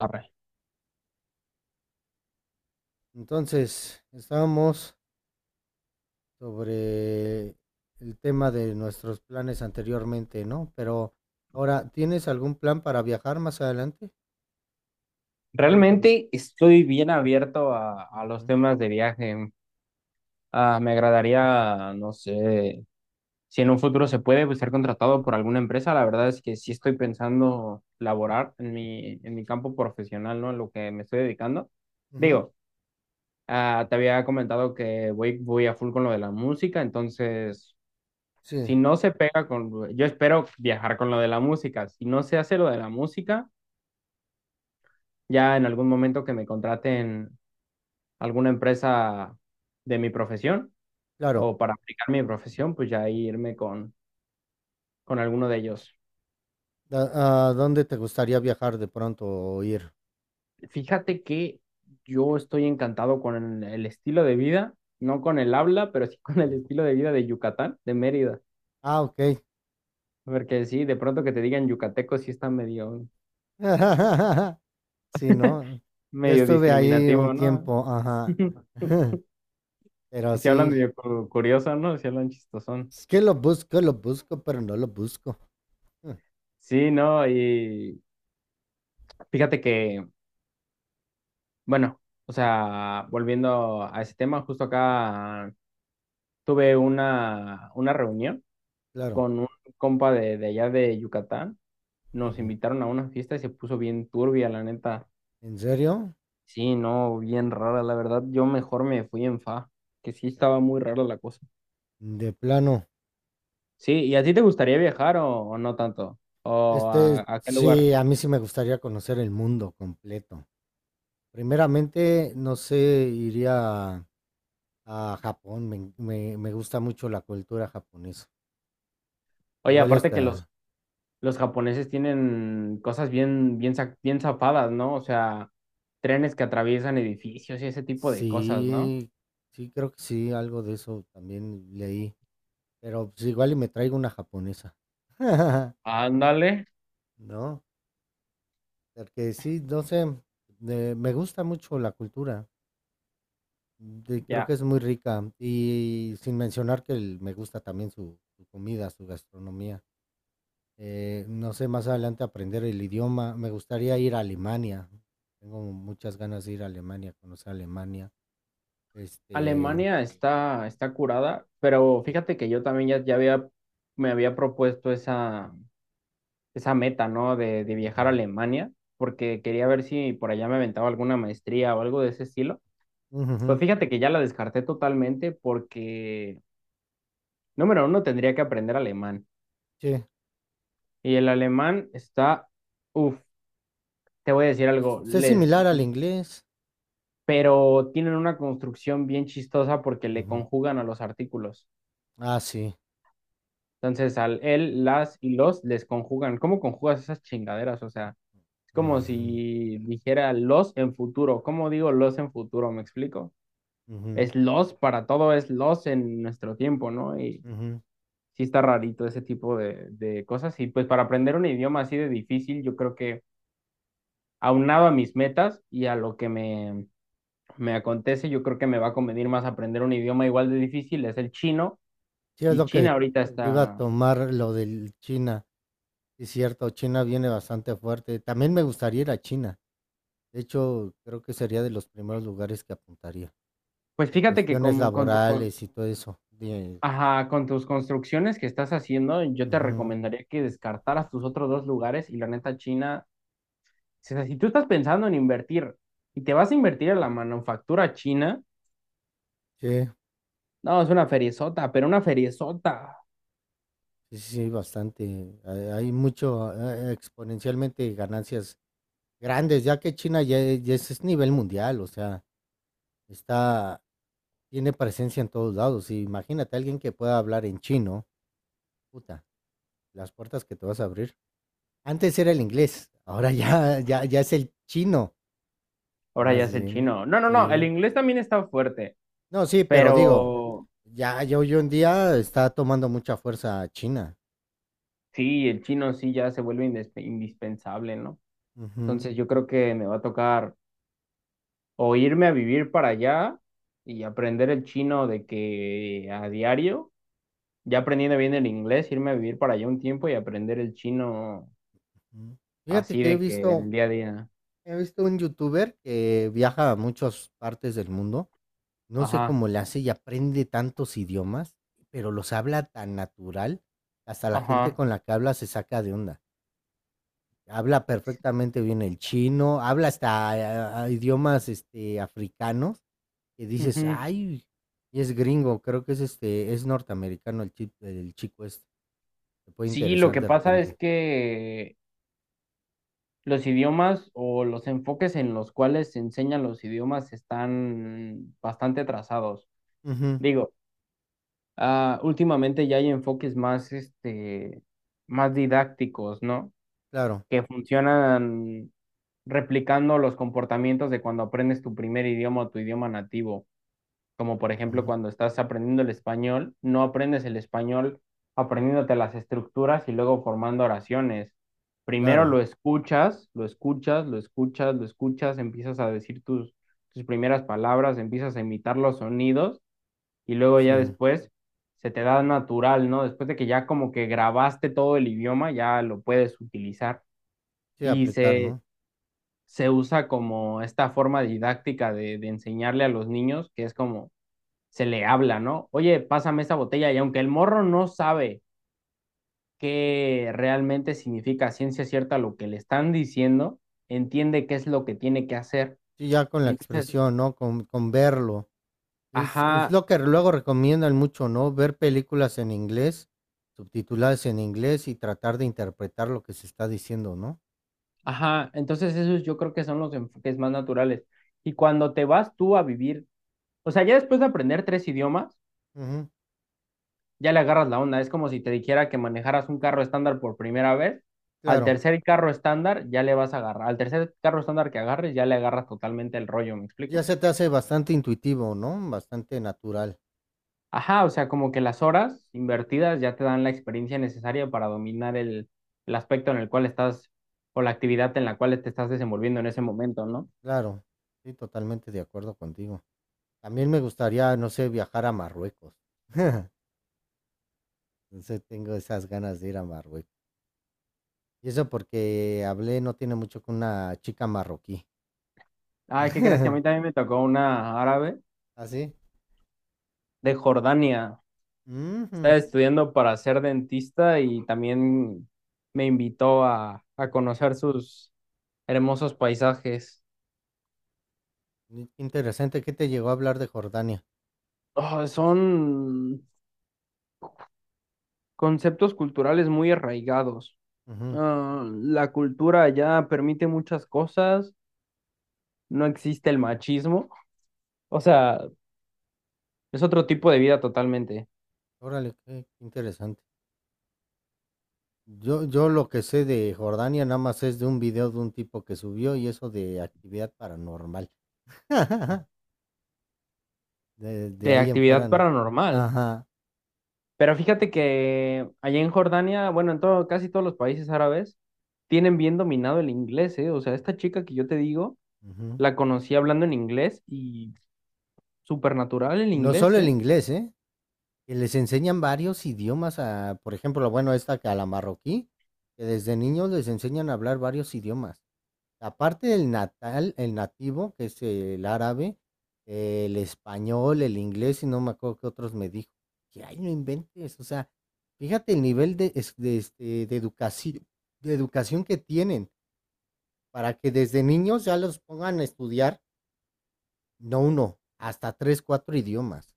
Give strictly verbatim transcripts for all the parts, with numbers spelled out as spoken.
Arre. Entonces, estábamos sobre el tema de nuestros planes anteriormente, ¿no? Pero ahora, ¿tienes algún plan para viajar más adelante? ¿Dónde te gusta? Realmente estoy bien abierto a, a los Ujú, temas de viaje. Ah, me agradaría, no sé, si en un futuro se puede pues, ser contratado por alguna empresa. La verdad es que sí estoy pensando laborar en mi, en mi campo profesional, ¿no? En lo que me estoy dedicando. ujú, Digo, ah, te había comentado que voy, voy a full con lo de la música, entonces, sí, si no se pega con, yo espero viajar con lo de la música. Si no se hace lo de la música, ya en algún momento que me contraten. Alguna empresa de mi profesión claro. o para aplicar mi profesión, pues ya irme con, con alguno de ellos. Da- ¿A dónde te gustaría viajar de pronto o ir? Fíjate que yo estoy encantado con el estilo de vida, no con el habla, pero sí con el Mm. estilo de vida de Yucatán, de Mérida. Ah, ok. Porque sí, de pronto que te digan yucateco sí está medio, Sí, ¿no? Yo medio estuve ahí un discriminativo, ¿no? tiempo, ajá. Pero Y si hablan sí, medio cu- curioso, ¿no? Si hablan chistosón. es que lo busco, lo busco, pero no lo busco. Sí, ¿no? Y fíjate que, bueno, o sea, volviendo a ese tema, justo acá tuve una, una reunión Claro. con un compa de, de allá de Yucatán. Nos Ujú. invitaron a una fiesta y se puso bien turbia, la neta. ¿En serio? Sí, no, bien rara, la verdad. Yo mejor me fui en fa, que sí estaba muy rara la cosa. De plano. Sí, ¿y a ti te gustaría viajar o, o no tanto? ¿O a, Este, a qué lugar? Sí, a mí sí me gustaría conocer el mundo completo. Primeramente, no sé, iría a, a Japón. Me, en- me, me gusta mucho la cultura japonesa. Oye, Igual y aparte que hasta, los, los japoneses tienen cosas bien, bien, za- bien zafadas, ¿no? O sea, trenes que atraviesan edificios y ese tipo de cosas, ¿no? sí, sí, creo que sí, algo de eso también leí. Pero pues igual y me traigo una japonesa. Ándale, ¿No? Porque sí, no sé, me me gusta mucho la cultura. De Creo que ya. es muy rica, y sin mencionar que el me gusta también su su comida, su gastronomía. Eh, no sé, más adelante aprender el idioma. Me gustaría ir a Alemania. Tengo muchas ganas de ir a Alemania, conocer Alemania. Este Alemania está, está curada, pero fíjate que yo también ya, ya había, me había propuesto esa, esa meta, ¿no? De, de Ujú, viajar a Alemania, porque quería ver si por allá me aventaba alguna maestría o algo de ese estilo. Pues ujú, fíjate que ya la descarté totalmente porque, número uno, tendría que aprender alemán. sí, Y el alemán está, uff, te voy a decir pues, algo, es les, similar al inglés. pero tienen una construcción bien chistosa porque le Ujú. conjugan a los artículos. Ah, sí. Entonces, al él, las y los les conjugan. ¿Cómo conjugas esas chingaderas? O sea, es como Ujú, si dijera los en futuro. ¿Cómo digo los en futuro? ¿Me explico? ujú, Es los para todo, es los en nuestro tiempo, ¿no? Y ujú. sí está rarito ese tipo de, de cosas. Y pues para aprender un idioma así de difícil, yo creo que aunado a mis metas y a lo que me, me acontece, yo creo que me va a convenir más aprender un idioma igual de difícil, es el chino. Sí, es Y lo que China ahorita te iba a está... tomar lo del China. Sí, cierto, China viene bastante fuerte. También me gustaría ir a China. De hecho, creo que sería de los primeros lugares que apuntaría, Pues por fíjate que cuestiones con, con, tu- con- laborales y todo eso. De ajá, con tus construcciones que estás haciendo, yo te Ujú. recomendaría que descartaras tus otros dos lugares y la neta China, o sea, si tú estás pensando en invertir y te vas a invertir en la manufactura china, Sí, no, es una feriezota, pero una feriezota. sí, sí, bastante. Hay hay mucho, eh, exponencialmente ganancias grandes, ya que China ya, e- ya es, es nivel mundial, o sea, está, tiene presencia en todos lados. Y imagínate alguien que pueda hablar en chino, puta, las puertas que te vas a abrir. Antes era el inglés, ahora ya, ya, ya es el chino, Ahora ya más es el bien. chino. No, no, no, Sí. el inglés también está fuerte, No, sí, pero digo, pero Ya, ya hoy en día está tomando mucha fuerza China. sí, el chino sí ya se vuelve indes- indispensable, ¿no? Ujú, Entonces yo creo que me va a tocar o irme a vivir para allá y aprender el chino de que a diario ya aprendiendo bien el inglés, irme a vivir para allá un tiempo y aprender el chino ujú. Fíjate así que he de que en visto, el día a día. he visto un youtuber que viaja a muchas partes del mundo. No sé Ajá, cómo le hace y aprende tantos idiomas, pero los habla tan natural, que hasta la gente ajá. con la que habla se saca de onda. Habla perfectamente bien el chino, habla hasta ah, idiomas este, africanos que dices, Ujú. ay, y es gringo, creo que es este, es norteamericano el, chi- el chico este. Te puede Sí, lo interesar que de pasa es repente. que los idiomas o los enfoques en los cuales se enseñan los idiomas están bastante atrasados. Ujú, Digo, ah, últimamente ya hay enfoques más, este, más didácticos, ¿no? claro. Que funcionan replicando los comportamientos de cuando aprendes tu primer idioma o tu idioma nativo. Como por ejemplo Ujú. cuando estás aprendiendo el español, no aprendes el español aprendiéndote las estructuras y luego formando oraciones. Primero lo Claro, escuchas, lo escuchas, lo escuchas, lo escuchas, empiezas a decir tus, tus primeras palabras, empiezas a imitar los sonidos y luego ya sí, después se te da natural, ¿no? Después de que ya como que grabaste todo el idioma, ya lo puedes utilizar sí, y aplicar, se, ¿no? se usa como esta forma didáctica de, de enseñarle a los niños, que es como se le habla, ¿no? Oye, pásame esta botella y aunque el morro no sabe qué realmente significa ciencia cierta lo que le están diciendo, entiende qué es lo que tiene que hacer. Sí, ya con la Y entonces, expresión, ¿no? Con, con verlo. Es, es ajá, lo que luego recomiendan mucho, ¿no? Ver películas en inglés, subtituladas en inglés y tratar de interpretar lo que se está diciendo, ¿no? ajá, entonces esos yo creo que son los enfoques más naturales. Y cuando te vas tú a vivir, o sea, ya después de aprender tres idiomas, Ujú, ya le agarras la onda. Es como si te dijera que manejaras un carro estándar por primera vez. Al claro, tercer carro estándar ya le vas a agarrar. Al tercer carro estándar que agarres ya le agarras totalmente el rollo, ¿me ya explico? se te hace bastante intuitivo, ¿no? Bastante natural, Ajá, o sea, como que las horas invertidas ya te dan la experiencia necesaria para dominar el, el aspecto en el cual estás o la actividad en la cual te estás desenvolviendo en ese momento, ¿no? claro. Sí, totalmente de acuerdo contigo. También me gustaría, no sé, viajar a Marruecos. Entonces tengo esas ganas de ir a Marruecos. Y eso porque hablé no tiene mucho con una chica marroquí. ¿Ah, qué crees que a mí también me tocó una árabe ¿Así? ¿Sí? de Jordania? Ujú. Estaba estudiando para ser dentista y también me invitó a, a conocer sus hermosos paisajes. Mm, qué interesante. ¿Qué te llegó a hablar de Jordania? Oh, son conceptos culturales muy arraigados. Ujú. Ah, la cultura ya permite muchas cosas, no existe el machismo. O sea, es otro tipo de vida totalmente, Órale, qué qué interesante. Yo, yo lo que sé de Jordania nada más es de un video de un tipo que subió y eso de actividad paranormal. De, de de ahí en fuera actividad no. paranormal. Ajá. Pero fíjate que allá en Jordania, bueno, en todo, casi todos los países árabes, tienen bien dominado el inglés, ¿eh? O sea, esta chica que yo te digo, Ujú. la conocí hablando en inglés y súper natural el No inglés, solo el ¿eh? inglés, ¿eh? Que les enseñan varios idiomas a, por ejemplo, bueno, esta que a la marroquí, que desde niños les enseñan a hablar varios idiomas. Aparte del natal, el nativo, que es el árabe, el español, el inglés, y no me acuerdo qué otros me dijo. Que ay, no inventes, o sea, fíjate el nivel de, es- de, este, de educación, de educación que tienen para que desde niños ya los pongan a estudiar, no uno, hasta tres, cuatro idiomas.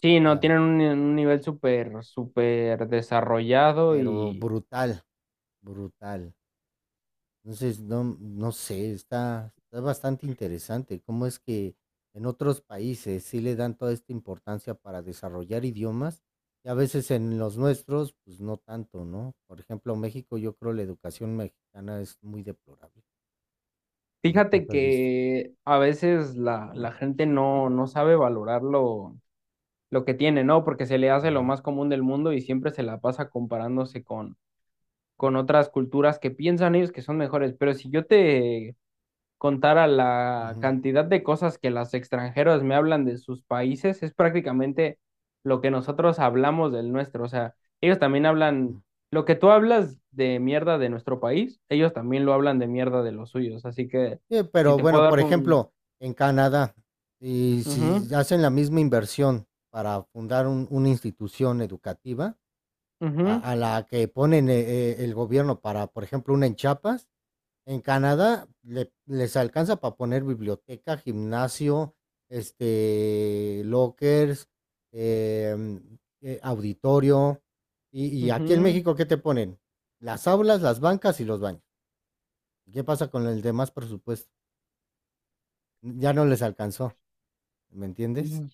Sí, O no, sea, tienen un, un nivel súper, súper desarrollado Pero y brutal, brutal. Entonces, no, no sé, está, está bastante interesante cómo es que en otros países sí le dan toda esta importancia para desarrollar idiomas y a veces en los nuestros, pues no tanto, ¿no? Por ejemplo, México, yo creo la educación mexicana es muy deplorable, a mi fíjate punto de vista. que a veces la, la gente no, no sabe valorarlo lo que tiene, ¿no? Porque se le hace lo Ujú, más común del mundo y siempre se la pasa comparándose con, con otras culturas que piensan ellos que son mejores. Pero si yo te contara la ujú, cantidad de cosas que las extranjeras me hablan de sus países, es prácticamente lo que nosotros hablamos del nuestro. O sea, ellos también ujú. hablan, lo que tú hablas de mierda de nuestro país, ellos también lo hablan de mierda de los suyos. Así que Sí, si pero te puedo bueno, dar por un... ejemplo, en Canadá, y si Ujú, hacen la misma inversión para fundar un- una institución educativa, ujú, a a la que ponen, eh eh, el gobierno para, por ejemplo, una en Chiapas, en Canadá le les alcanza para poner biblioteca, gimnasio, este, lockers, em, eh, auditorio, y y aquí en México, ¿qué te ponen? Las aulas, las bancas y los baños. ¿Qué pasa con el demás presupuesto? Ya no les alcanzó, ¿me entiendes? ujú.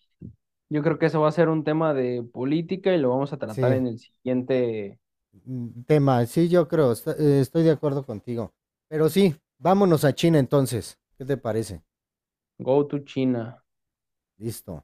Yo creo que O eso va a ser un tema de política y lo vamos a tratar Sí. en el siguiente. Mm, tema. Sí, yo creo, est- eh, estoy de acuerdo contigo. Pero sí, vámonos a China entonces. ¿Qué te parece? Go to China. Listo.